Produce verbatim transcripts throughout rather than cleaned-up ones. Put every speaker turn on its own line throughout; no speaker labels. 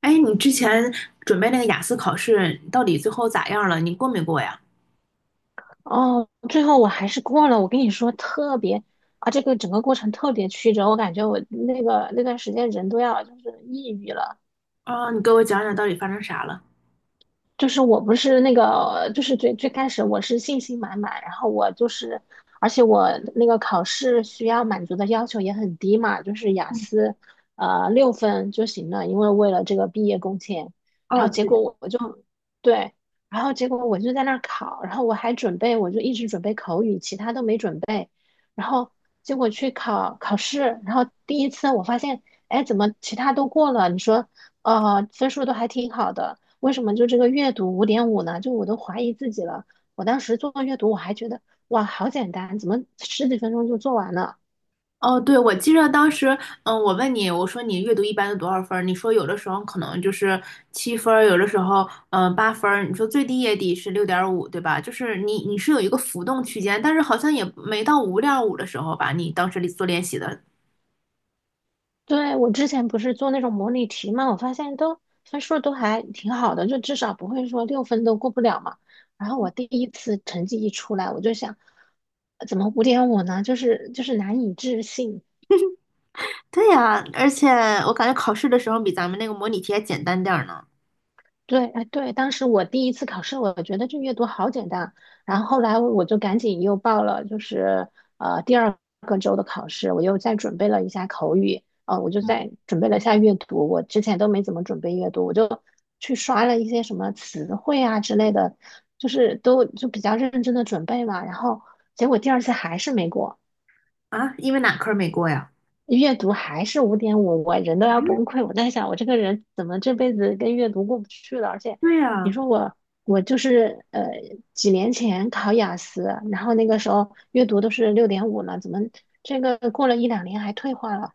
哎，你之前准备那个雅思考试，到底最后咋样了？你过没过呀？
哦，最后我还是过了。我跟你说，特别啊，这个整个过程特别曲折，我感觉我那个那段时间人都要就是抑郁了。
啊，你给我讲讲到底发生啥了？
就是我不是那个，就是最最开始我是信心满满，然后我就是，而且我那个考试需要满足的要求也很低嘛，就是雅
嗯，
思，呃，六分就行了，因为为了这个毕业工签。然
啊
后结
对的
果我我就对，然后结果我就在那儿考，然后我还准备，我就一直准备口语，其他都没准备。然后结果去考考试，然后第一次我发现，哎，怎么其他都过了？你说，呃，分数都还挺好的，为什么就这个阅读五点五呢？就我都怀疑自己了。我当时做阅读，我还觉得哇，好简单，怎么十几分钟就做完了？
哦，对，我记得当时，嗯，我问你，我说你阅读一般都多少分儿？你说有的时候可能就是七分儿，有的时候嗯八分儿。你说最低也得是六点五，对吧？就是你你是有一个浮动区间，但是好像也没到五点五的时候吧？你当时做练习的，
对，我之前不是做那种模拟题嘛，我发现都分数都还挺好的，就至少不会说六分都过不了嘛。然后我第一次成绩一出来，我就想，呃怎么五点五呢？就是就是难以置信。
对呀，而且我感觉考试的时候比咱们那个模拟题还简单点儿呢。
对，哎，对，当时我第一次考试，我觉得这阅读好简单，然后后来我就赶紧又报了，就是呃第二个周的考试，我又再准备了一下口语，呃，我就
嗯
再准备了一下阅读，我之前都没怎么准备阅读，我就去刷了一些什么词汇啊之类的，就是都就比较认真的准备嘛，然后结果第二次还是没过。
啊，因为哪科儿没过呀？
阅读还是五点五，我人都要崩溃。我在想，我这个人怎么这辈子跟阅读过不去了？而且，
对
你
呀，
说我，我就是呃几年前考雅思，然后那个时候阅读都是六点五了，怎么这个过了一两年还退化了？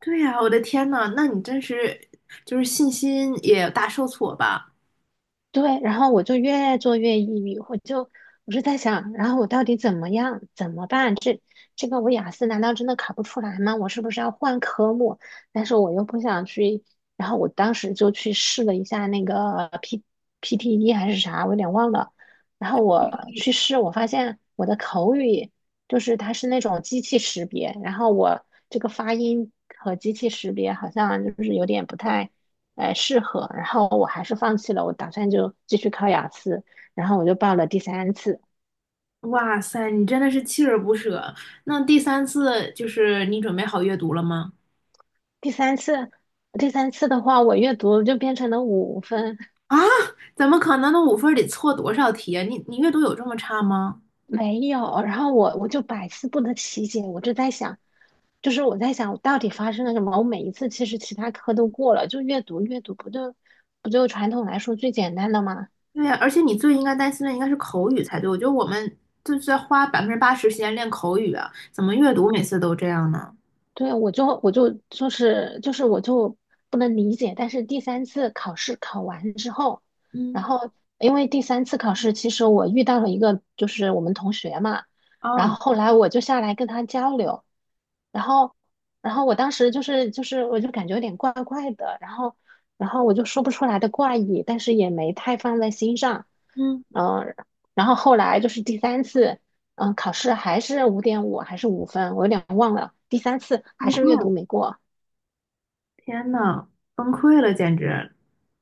对呀，我的天呐，那你真是就是信心也大受挫吧？
对，然后我就越做越抑郁，我就我就在想，然后我到底怎么样，怎么办？这这个我雅思难道真的考不出来吗？我是不是要换科目？但是我又不想去，然后我当时就去试了一下那个 P PTE 还是啥，我有点忘了。然后我去试，我发现我的口语就是它是那种机器识别，然后我这个发音和机器识别好像就是有点不太。呃适合，然后我还是放弃了，我打算就继续考雅思，然后我就报了第三次，
哇塞，你真的是锲而不舍。那第三次就是你准备好阅读了吗？
第三次，第三次的话，我阅读就变成了五分，
啊，怎么可能？那五分儿得错多少题啊？你你阅读有这么差吗？
没有，然后我我就百思不得其解，我就在想，就是我在想到底发生了什么，我每一次其实其他科都过了，就阅读阅读不就不就传统来说最简单的吗？
对呀，而且你最应该担心的应该是口语才对。我觉得我们就是在花百分之八十时间练口语啊，怎么阅读每次都这样呢？
对，我就我就就是就是我就不能理解，但是第三次考试考完之后，然
嗯，
后因为第三次考试，其实我遇到了一个就是我们同学嘛，然后
哦，
后来我就下来跟他交流，然后然后我当时就是就是我就感觉有点怪怪的，然后然后我就说不出来的怪异，但是也没太放在心上，
嗯，
嗯、然后后来就是第三次。嗯，考试还是五点五还是五分，我有点忘了。第三次
崩
还是阅
溃
读
了
没过。
天呐，崩溃了，简直。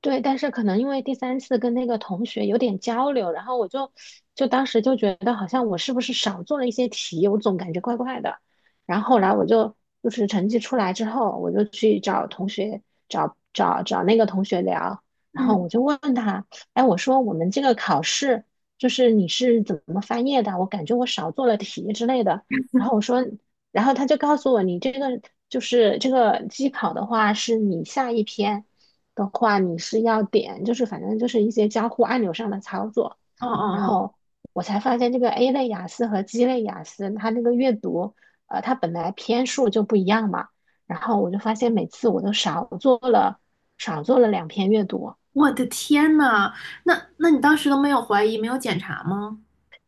对，但是可能因为第三次跟那个同学有点交流，然后我就就当时就觉得好像我是不是少做了一些题，我总感觉怪怪的。然后后来我就就是成绩出来之后，我就去找同学，找找找那个同学聊，然后
嗯，
我就问他，哎，我说我们这个考试就是你是怎么翻页的？我感觉我少做了题之类的。然后我说，然后他就告诉我，你这个就是这个机考的话，是你下一篇。的话，你是要点，就是反正就是一些交互按钮上的操作。
哦
然
哦哦。
后我才发现，这个 A 类雅思和 G 类雅思，它那个阅读，呃，它本来篇数就不一样嘛。然后我就发现，每次我都少做了少做了两篇阅读。
我的天呐，那那你当时都没有怀疑，没有检查吗？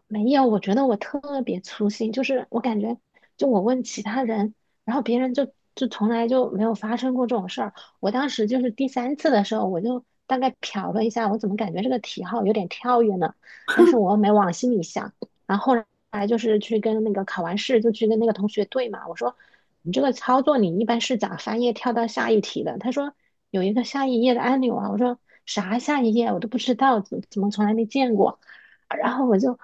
没有，我觉得我特别粗心，就是我感觉，就我问其他人，然后别人就就从来就没有发生过这种事儿。我当时就是第三次的时候，我就大概瞟了一下，我怎么感觉这个题号有点跳跃呢？但是我又没往心里想。然后后来就是去跟那个考完试就去跟那个同学对嘛，我说你这个操作你一般是咋翻页跳到下一题的？他说有一个下一页的按钮啊，我说啥下一页我都不知道，怎怎么从来没见过。然后我就，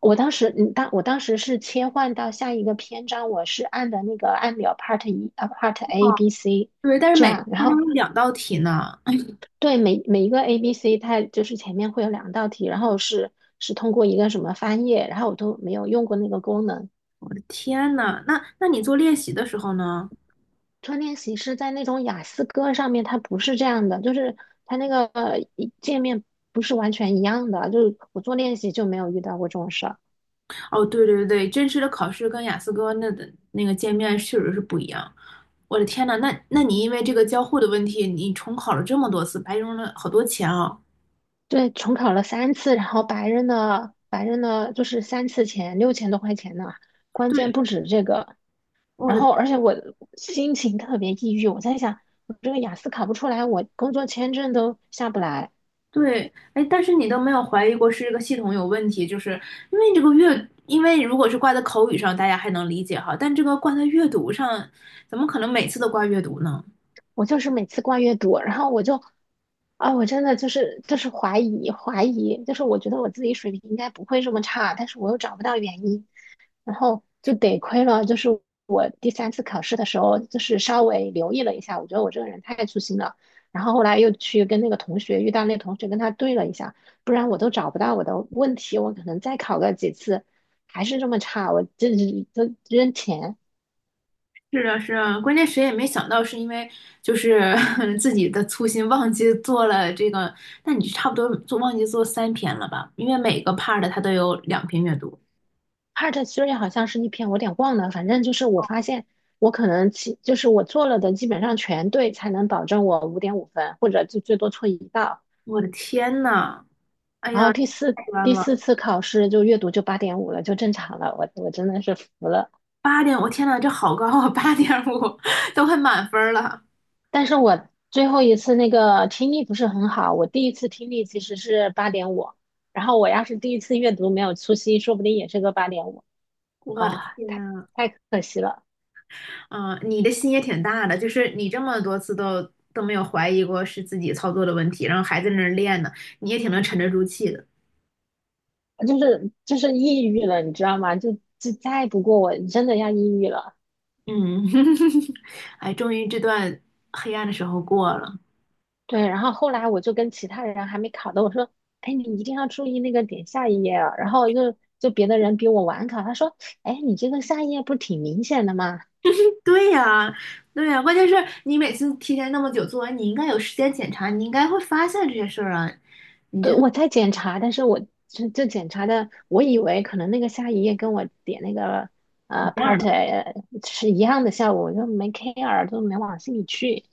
我当时，嗯，当我当时是切换到下一个篇章，我是按的那个按表 part 一啊 part A
哦，
B C
对，但是
这
每
样，然
天都
后
有两道题呢。
对每每一个 A B C 它就是前面会有两道题，然后是是通过一个什么翻页，然后我都没有用过那个功能。
天呐，那那你做练习的时候呢？
做练习是在那种雅思哥上面，它不是这样的，就是它那个呃一界面不是完全一样的，就是我做练习就没有遇到过这种事儿。
哦，对对对，真实的考试跟雅思哥那的那个见面确实是不一样。我的天呐，那那你因为这个交互的问题，你重考了这么多次，白扔了好多钱啊！
对，重考了三次，然后白人的白人的就是三次钱六千多块钱呢，关键
对，
不止这个。
我
然
的。
后，而且我心情特别抑郁，我在想，我这个雅思考不出来，我工作签证都下不来，
对，哎，但是你都没有怀疑过是这个系统有问题，就是因为这个阅，因为如果是挂在口语上，大家还能理解哈，但这个挂在阅读上，怎么可能每次都挂阅读呢？
我就是每次挂月读，然后我就，啊，我真的就是就是怀疑怀疑，就是我觉得我自己水平应该不会这么差，但是我又找不到原因。然后就得亏了，就是我第三次考试的时候，就是稍微留意了一下，我觉得我这个人太粗心了。然后后来又去跟那个同学遇到那个同学，跟他对了一下，不然我都找不到我的问题，我可能再考个几次还是这么差，我这都扔钱。
是啊，是啊，关键谁也没想到，是因为就是 自己的粗心忘记做了这个，那你差不多做忘记做三篇了吧？因为每个 part 它都有两篇阅读。
Part Three 好像是一篇，我有点忘了，反正就是我发现我可能其就是我做了的基本上全对，才能保证我五点五分，或者就最多错一道。
我的天呐，哎
然
呀，
后第四
太冤
第四
了！
次考试就阅读就八点五了，就正常了。我我真的是服了。
八点，我天呐，这好高啊，八点五 都快满分了，
但是我最后一次那个听力不是很好，我第一次听力其实是八点五，然后我要是第一次阅读没有粗心，说不定也是个八点五
我的
啊，
天！
太太可惜了，
嗯，你的心也挺大的，就是你这么多次都都没有怀疑过是自己操作的问题，然后还在那儿练呢，你也挺能沉得住气的。
就是就是抑郁了，你知道吗？就就再不过我真的要抑郁了。
嗯，哎，终于这段黑暗的时候过了。
对，然后后来我就跟其他人还没考的，我说，哎，你一定要注意那个点下一页啊。然后就就别的人比我晚考，他说，哎，你这个下一页不是挺明显的吗？
对呀，对呀，关键是你每次提前那么久做完，你应该有时间检查，你应该会发现这些事儿啊。
对，我在检查，但是我就就检查的，我以为可能那个下一页跟我点那个
一
呃
样
part
的，
A 是一样的效果，我就没 care，就没往心里去。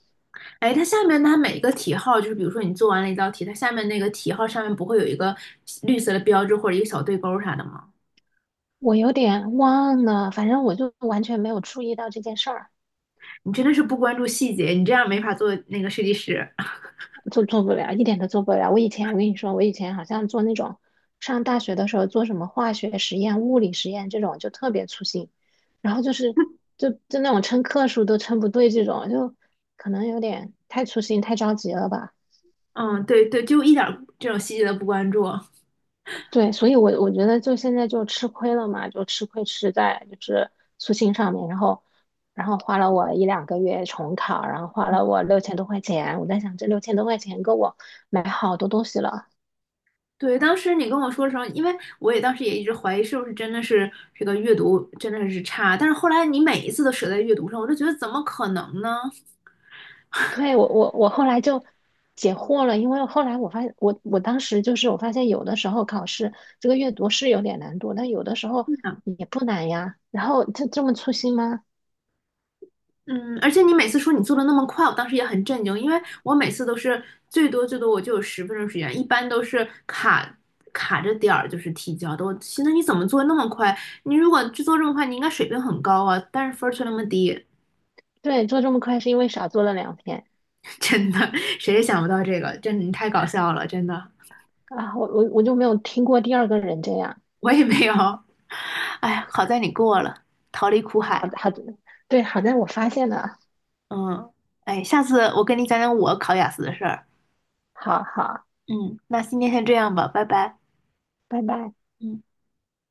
哎，它下面它每个题号，就是比如说你做完了一道题，它下面那个题号上面不会有一个绿色的标志或者一个小对勾啥的吗？
我有点忘了，反正我就完全没有注意到这件事儿。
你真的是不关注细节，你这样没法做那个设计师。
就做不了，一点都做不了。我以前我跟你说，我以前好像做那种上大学的时候做什么化学实验、物理实验这种，就特别粗心，然后就是就就那种称克数都称不对，这种就可能有点太粗心、太着急了吧。
嗯，对对，就一点这种细节都不关注。
对，所以我我觉得就现在就吃亏了嘛，就吃亏吃在就是粗心上面，然后然后花了我一两个月重考，然后花了我六千多块钱，我在想这六千多块钱够我买好多东西了。
对，当时你跟我说的时候，因为我也当时也一直怀疑是不是真的是这个阅读真的是差，但是后来你每一次都舍在阅读上，我就觉得怎么可能呢？
对，我我我后来就解惑了，因为后来我发现，我我当时就是我发现有的时候考试这个阅读是有点难度，但有的时候也不难呀。然后就这么粗心吗？
嗯，而且你每次说你做的那么快，我当时也很震惊，因为我每次都是最多最多我就有十分钟时间，一般都是卡卡着点儿就是提交的。我寻思你怎么做那么快？你如果制做这么快，你应该水平很高啊，但是分儿却那么低，
对，做这么快是因为少做了两篇
真的，谁也想不到这个，真的你太搞笑了，真的，
啊，我我我就没有听过第二个人这样。
我也没有。哎呀，好在你过了，逃离苦
好
海。
的，好的，对，好在我发现了，
嗯，哎，下次我跟你讲讲我考雅思的事儿。
好好，
嗯，那今天先这样吧，拜拜。
拜拜。
嗯。